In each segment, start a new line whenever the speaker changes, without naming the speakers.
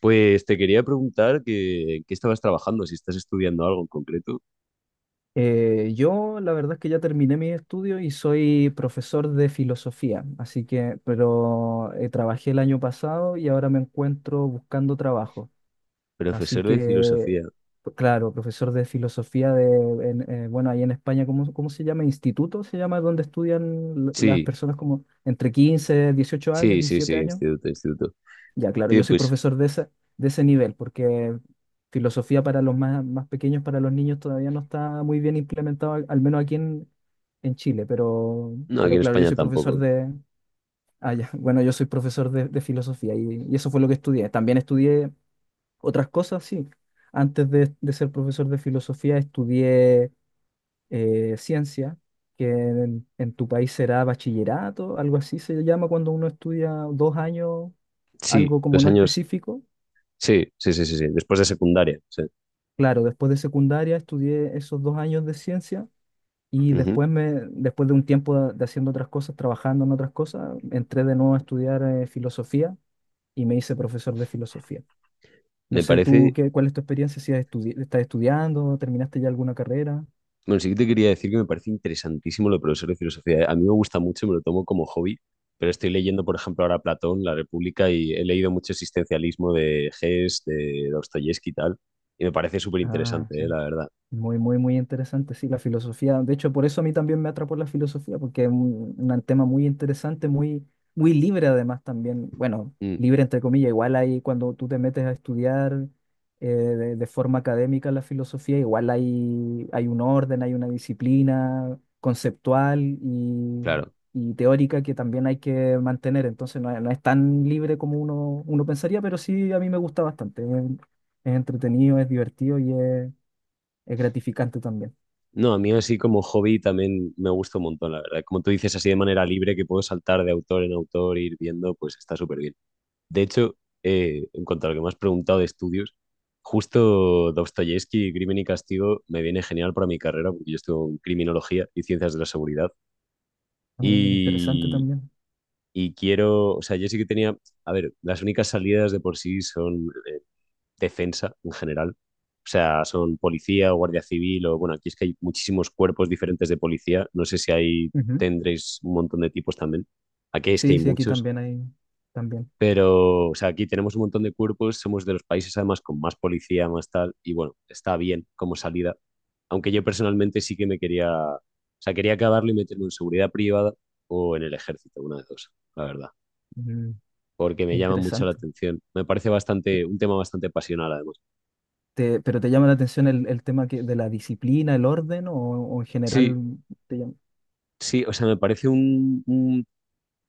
Pues te quería preguntar que, en qué estabas trabajando, si estás estudiando algo en concreto.
Yo la verdad es que ya terminé mis estudios y soy profesor de filosofía, así que, pero trabajé el año pasado y ahora me encuentro buscando trabajo. Así
Profesor de
que,
filosofía.
pues, claro, profesor de filosofía bueno, ahí en España, ¿cómo se llama? Instituto se llama, donde estudian las
Sí,
personas como entre 15, 18 años,
sí, sí,
17
sí,
años.
instituto, instituto.
Ya, claro, yo
Tío,
soy
pues
profesor de ese, nivel, porque filosofía para los más, más pequeños, para los niños, todavía no está muy bien implementado, al menos aquí en Chile, pero,
no, aquí
pero
en
claro, yo
España
soy profesor
tampoco.
de... Ah, ya, bueno, yo soy profesor de filosofía y eso fue lo que estudié. También estudié otras cosas, sí. Antes de ser profesor de filosofía estudié ciencia, que en tu país será bachillerato, algo así se llama cuando uno estudia 2 años,
Sí,
algo como
dos
no
años.
específico.
Sí, sí, sí, sí, sí, después de secundaria. Sí.
Claro, después de secundaria estudié esos 2 años de ciencia y
Ujú.
después de un tiempo de haciendo otras cosas, trabajando en otras cosas, entré de nuevo a estudiar filosofía y me hice profesor de filosofía. No
Me
sé tú
parece,
qué, cuál es tu experiencia, si estás estudiando, terminaste ya alguna carrera.
bueno, sí que te quería decir que me parece interesantísimo lo de profesor de filosofía. A mí me gusta mucho, me lo tomo como hobby, pero estoy leyendo, por ejemplo, ahora Platón, La República, y he leído mucho existencialismo de Hess, de Dostoyevsky y tal, y me parece súper
Ah, sí.
interesante, la verdad.
Muy, muy, muy interesante, sí, la filosofía. De hecho, por eso a mí también me atrapó la filosofía, porque es un, tema muy interesante, muy, muy libre además también. Bueno, libre entre comillas, igual ahí cuando tú te metes a estudiar de forma académica la filosofía, igual hay un orden, hay una disciplina conceptual y,
Claro.
y teórica que también hay que mantener. Entonces no, es no es tan libre como uno pensaría, pero sí a mí me gusta bastante. Es entretenido, es divertido y es... Es gratificante también.
No, a mí así como hobby también me gusta un montón, la verdad. Como tú dices, así de manera libre que puedo saltar de autor en autor, ir viendo, pues está súper bien. De hecho, en cuanto a lo que me has preguntado de estudios, justo Dostoyevsky, Crimen y Castigo, me viene genial para mi carrera, porque yo estudio en criminología y ciencias de la seguridad.
Ah, interesante
Y,
también.
y quiero, o sea, yo sí que tenía, a ver, las únicas salidas de por sí son defensa en general. O sea, son policía o guardia civil o bueno, aquí es que hay muchísimos cuerpos diferentes de policía. No sé si ahí
Ujú.
tendréis un montón de tipos también. Aquí es que
Sí,
hay
sí, aquí
muchos,
también hay, también.
pero o sea, aquí tenemos un montón de cuerpos, somos de los países además con más policía, más tal, y bueno, está bien como salida. Aunque yo personalmente sí que me quería, o sea, quería acabarlo y meterme en seguridad privada o en el ejército, una de dos, la verdad,
Mm,
porque me llama mucho la
interesante.
atención. Me parece
Te-
bastante, un tema bastante pasional además.
pero te llama la atención el tema que, de la disciplina, el orden o en
Sí,
general te llama?
sí, o sea, me parece un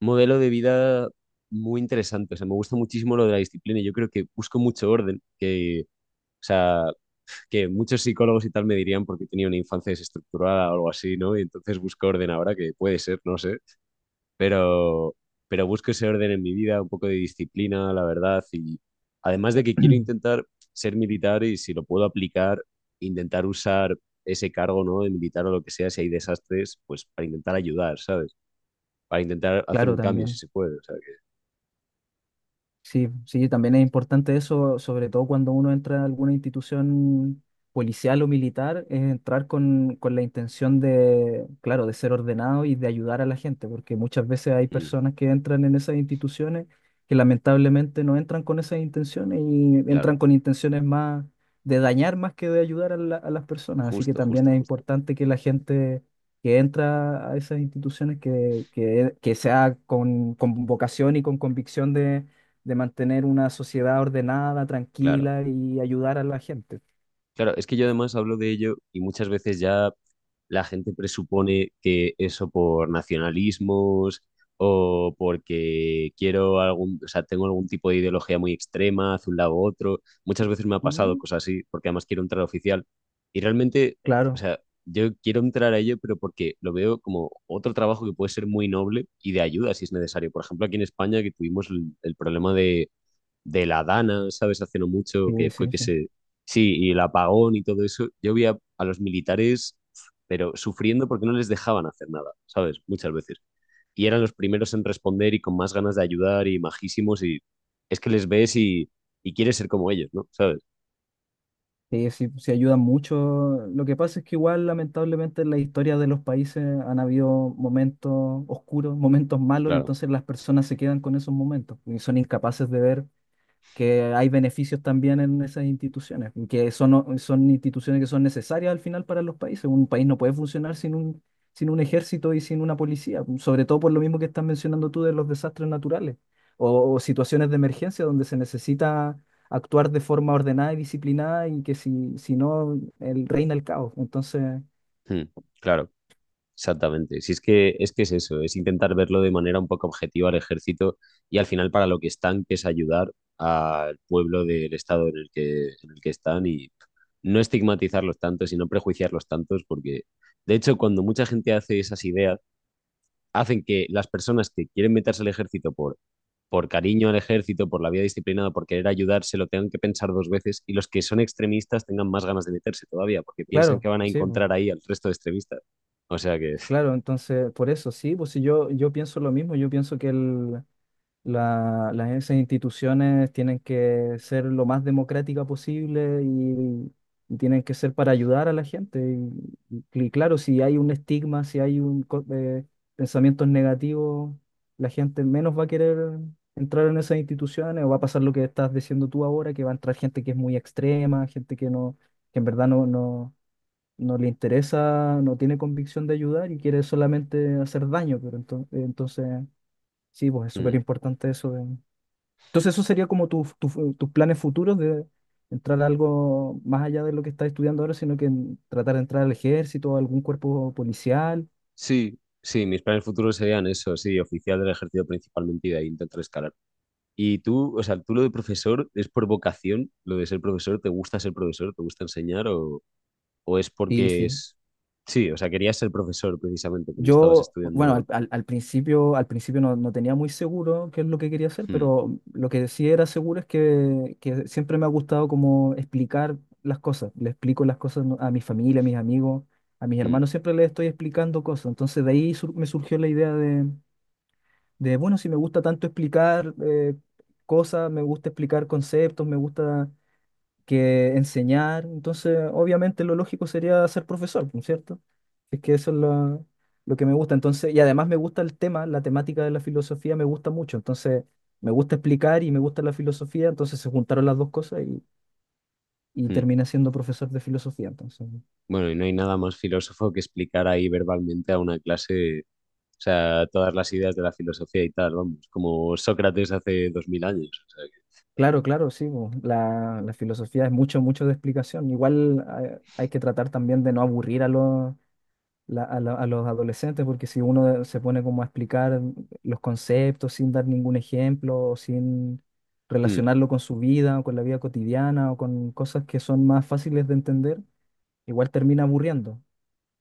modelo de vida muy interesante. O sea, me gusta muchísimo lo de la disciplina. Y Yo creo que busco mucho orden, o sea, que muchos psicólogos y tal me dirían porque tenía una infancia desestructurada o algo así, ¿no? Y entonces busco orden ahora, que puede ser, no sé. Pero, pero busco ese orden en mi vida, un poco de disciplina, la verdad. Y además de que quiero intentar ser militar y si lo puedo aplicar, intentar usar ese cargo, ¿no? De militar o lo que sea, si hay desastres, pues para intentar ayudar, ¿sabes? Para intentar hacer
Claro,
un cambio si
también.
se puede. O sea
Sí, sí, también es importante eso, sobre todo cuando uno entra a alguna institución policial o militar, es entrar con la intención de, claro, de ser ordenado y de ayudar a la gente, porque muchas veces hay
que, mm,
personas que entran en esas instituciones que lamentablemente no entran con esas intenciones y
claro,
entran con intenciones más de dañar más que de ayudar a las personas. Así que
justo,
también
justo,
es
justo.
importante que la gente que entra a esas instituciones que sea con vocación y con convicción de mantener una sociedad ordenada,
Claro.
tranquila y ayudar a la gente.
Claro, es que yo además hablo de ello y muchas veces ya la gente presupone que eso por nacionalismos o porque quiero algún, o sea, tengo algún tipo de ideología muy extrema hacia un lado u otro. Muchas veces me ha pasado
Mm,
cosas así, porque además quiero entrar oficial. Y realmente, o
claro,
sea, yo quiero entrar a ello, pero porque lo veo como otro trabajo que puede ser muy noble y de ayuda si es necesario. Por ejemplo, aquí en España que tuvimos el problema de la Dana, ¿sabes? Hace no mucho,
sí,
que fue
sí,
que
sí.
se... Sí, y el apagón y todo eso. Yo vi a los militares, pero sufriendo porque no les dejaban hacer nada, ¿sabes? Muchas veces. Y eran los primeros en responder y con más ganas de ayudar y majísimos y es que les ves y quieres ser como ellos, ¿no? ¿Sabes?
Sí, sí, sí ayuda mucho. Lo que pasa es que igual, lamentablemente, en la historia de los países han habido momentos oscuros, momentos malos,
Claro,
entonces las personas se quedan con esos momentos y son incapaces de ver que hay beneficios también en esas instituciones, que son, son instituciones que son necesarias al final para los países. Un país no puede funcionar sin un, ejército y sin una policía, sobre todo por lo mismo que estás mencionando tú de los desastres naturales o situaciones de emergencia donde se necesita actuar de forma ordenada y disciplinada y que si no, reina el caos. Entonces,
hmm, claro. Exactamente. Si es que, es que es eso, es intentar verlo de manera un poco objetiva al ejército y al final para lo que están, que es ayudar al pueblo del estado en el que están y no estigmatizarlos tanto, sino prejuiciarlos tantos, porque de hecho cuando mucha gente hace esas ideas, hacen que las personas que quieren meterse al ejército por cariño al ejército, por la vida disciplinada, por querer ayudarse, lo tengan que pensar dos veces y los que son extremistas tengan más ganas de meterse todavía, porque piensan que
claro,
van a
sí, pues,
encontrar ahí al resto de extremistas. O sea que...
claro, entonces por eso, sí, pues si yo pienso lo mismo, yo pienso que esas instituciones tienen que ser lo más democrática posible y tienen que ser para ayudar a la gente. Y claro, si hay un estigma, si hay pensamientos negativos, la gente menos va a querer entrar en esas instituciones o va a pasar lo que estás diciendo tú ahora, que va a entrar gente que es muy extrema, gente que no, que en verdad no le interesa, no tiene convicción de ayudar y quiere solamente hacer daño, pero entonces, entonces... Sí, pues es súper importante eso, entonces eso sería como tus planes futuros de entrar a algo más allá de lo que estás estudiando ahora, sino que tratar de entrar al ejército, a algún cuerpo policial.
Sí, sí, mis planes futuros serían eso, sí, oficial del ejército principalmente y de ahí intentar escalar. Y tú, o sea, tú lo de profesor es por vocación, lo de ser profesor, ¿te gusta ser profesor? ¿Te gusta enseñar? O es
Sí,
porque
sí.
es... Sí, o sea, querías ser profesor precisamente cuando estabas
Yo, bueno,
estudiando...
al principio, no tenía muy seguro qué es lo que quería hacer,
Hmm,
pero lo que sí era seguro es que siempre me ha gustado como explicar las cosas. Le explico las cosas a mi familia, a mis amigos, a mis
hmm,
hermanos, siempre les estoy explicando cosas. Entonces de ahí me surgió la idea de, bueno, si me gusta tanto explicar cosas, me gusta explicar conceptos, me gusta que enseñar, entonces obviamente lo lógico sería ser profesor, ¿no es cierto? Es que eso es lo que me gusta, entonces, y además me gusta el tema, la temática de la filosofía me gusta mucho, entonces me gusta explicar y me gusta la filosofía, entonces se juntaron las dos cosas y
hmm.
terminé siendo profesor de filosofía, entonces.
Bueno, y no hay nada más filósofo que explicar ahí verbalmente a una clase, o sea, todas las ideas de la filosofía y tal, vamos, como Sócrates hace 2000 años. O sea
Claro, claro, sí, la filosofía es mucho, mucho de explicación. Igual hay que tratar también de no aburrir a los, la- a los adolescentes, porque si uno se pone como a explicar los conceptos sin dar ningún ejemplo, o sin
que, hmm.
relacionarlo con su vida o con la vida cotidiana o con cosas que son más fáciles de entender, igual termina aburriendo.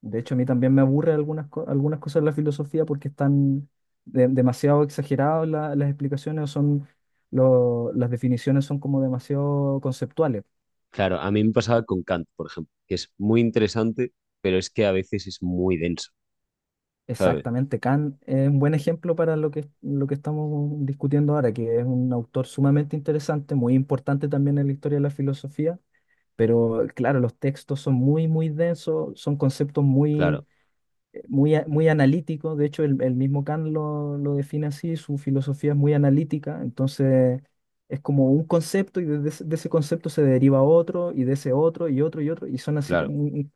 De hecho, a mí también me aburre algunas cosas de la filosofía porque están demasiado exageradas las explicaciones o son... las definiciones son como demasiado conceptuales.
Claro, a mí me pasaba con Kant, por ejemplo, que es muy interesante, pero es que a veces es muy denso, ¿sabes?
Exactamente, Kant es un buen ejemplo para lo que estamos discutiendo ahora, que es un autor sumamente interesante, muy importante también en la historia de la filosofía, pero claro, los textos son muy, muy densos, son conceptos muy,
Claro,
muy, muy analítico, de hecho el mismo Kant lo define así, su filosofía es muy analítica, entonces es como un concepto y desde de ese concepto se deriva otro y de ese otro y otro y otro y son así como,
claro,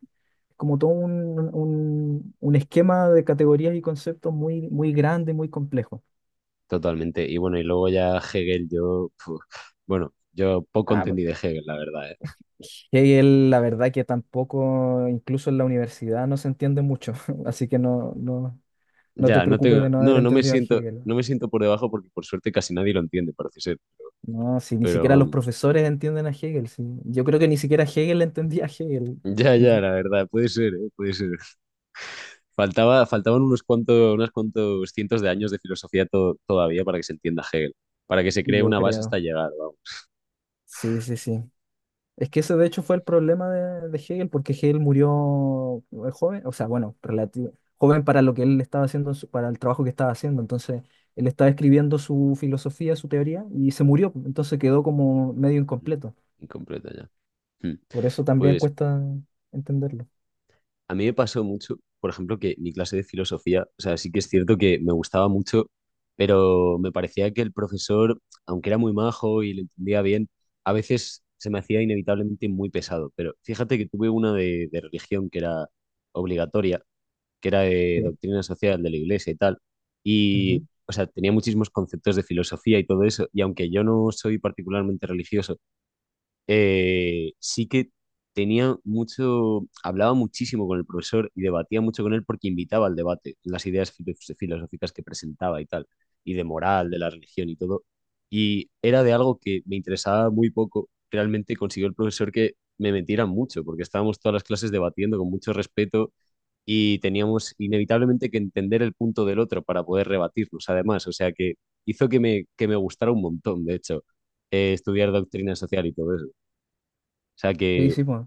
como todo un esquema de categorías y conceptos muy, muy grande, muy complejo.
totalmente. Y bueno, y luego ya Hegel, yo, fu, bueno, yo poco
Ah,
entendí de Hegel, la verdad, ¿eh?
Hegel, la verdad que tampoco, incluso en la universidad no se entiende mucho, así que no te
Ya,
preocupes de no haber
no, no me
entendido a
siento,
Hegel.
no me siento por debajo porque por suerte casi nadie lo entiende, parece ser,
No, si ni
pero
siquiera los
vamos.
profesores entienden a Hegel, sí. Yo creo que ni siquiera Hegel entendía a Hegel,
Ya, ya, la verdad, puede ser, ¿eh? Puede ser. Faltaban unos cuantos cientos de años de filosofía todavía para que se entienda Hegel, para que se cree
yo
una base hasta
creo.
llegar, vamos.
Sí, sí, sí. Es que ese de hecho fue el problema de Hegel, porque Hegel murió joven, o sea, bueno, relativo, joven para lo que él estaba haciendo, para el trabajo que estaba haciendo. Entonces, él estaba escribiendo su filosofía, su teoría, y se murió. Entonces quedó como medio incompleto.
Incompleta ya. Hmm.
Por eso también
Pues
cuesta entenderlo.
a mí me pasó mucho, por ejemplo, que mi clase de filosofía, o sea, sí que es cierto que me gustaba mucho, pero me parecía que el profesor, aunque era muy majo y lo entendía bien, a veces se me hacía inevitablemente muy pesado. Pero fíjate que tuve una de religión que era obligatoria, que era de
Sí.
doctrina social de la iglesia y tal,
Ujú.
y, o sea, tenía muchísimos conceptos de filosofía y todo eso, y aunque yo no soy particularmente religioso, sí que tenía mucho, hablaba muchísimo con el profesor y debatía mucho con él porque invitaba al debate, las ideas filosóficas que presentaba y tal, y de moral, de la religión y todo. Y era de algo que me interesaba muy poco. Realmente consiguió el profesor que me metiera mucho, porque estábamos todas las clases debatiendo con mucho respeto y teníamos inevitablemente que entender el punto del otro para poder rebatirnos, además. O sea que hizo que que me gustara un montón, de hecho, estudiar doctrina social y todo eso. O sea
Sí,
que
sí, pues.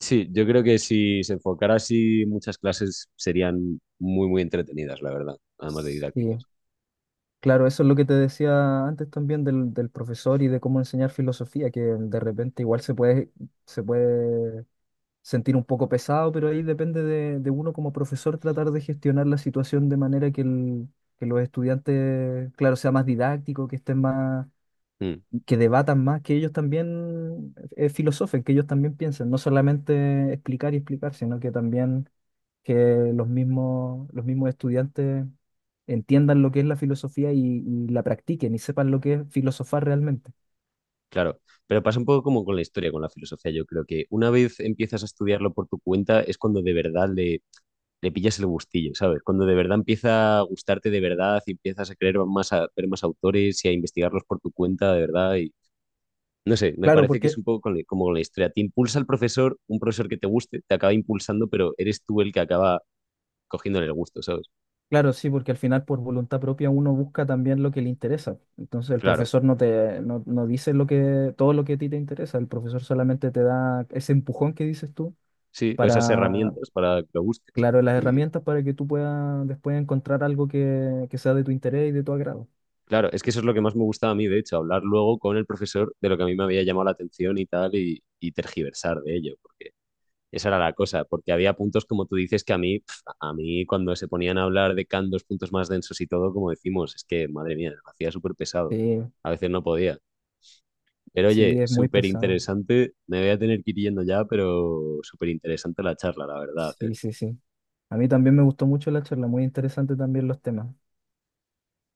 sí, yo creo que si se enfocara así, muchas clases serían muy, muy entretenidas, la verdad, además de didácticas.
Sí. Claro, eso es lo que te decía antes también del profesor y de cómo enseñar filosofía, que de repente igual se puede sentir un poco pesado, pero ahí depende de uno como profesor tratar de gestionar la situación de manera que, que los estudiantes, claro, sea más didáctico, que estén más,
Mm,
que debatan más, que ellos también filosofen, que ellos también piensen, no solamente explicar y explicar, sino que también que los mismos estudiantes entiendan lo que es la filosofía y la practiquen y sepan lo que es filosofar realmente.
claro, pero pasa un poco como con la historia, con la filosofía. Yo creo que una vez empiezas a estudiarlo por tu cuenta es cuando de verdad le pillas el gustillo, ¿sabes? Cuando de verdad empieza a gustarte de verdad y empiezas a querer más, a ver más autores y a investigarlos por tu cuenta de verdad y, no sé, me
Claro,
parece que es
porque,
un poco como con la historia. Te impulsa el profesor, un profesor que te guste, te acaba impulsando, pero eres tú el que acaba cogiéndole el gusto, ¿sabes?
claro, sí, porque al final por voluntad propia uno busca también lo que le interesa. Entonces el
Claro,
profesor no te, no, no dice lo que, todo lo que a ti te interesa, el profesor solamente te da ese empujón que dices tú
sí, pues esas
para,
herramientas para que lo busques.
claro, las
Y
herramientas para que tú puedas después encontrar algo que sea de tu interés y de tu agrado.
claro, es que eso es lo que más me gustaba a mí, de hecho, hablar luego con el profesor de lo que a mí me había llamado la atención y tal, y tergiversar de ello, porque esa era la cosa, porque había puntos, como tú dices, que a mí, pf, a mí cuando se ponían a hablar de Kant dos puntos más densos y todo, como decimos, es que, madre mía, me hacía súper pesado.
Sí,
A veces no podía. Pero oye,
sí, es muy
súper
pesado.
interesante. Me voy a tener que ir yendo ya, pero súper interesante la charla, la verdad. ¿Eh?
Sí, sí, sí. A mí también me gustó mucho la charla, muy interesante también los temas.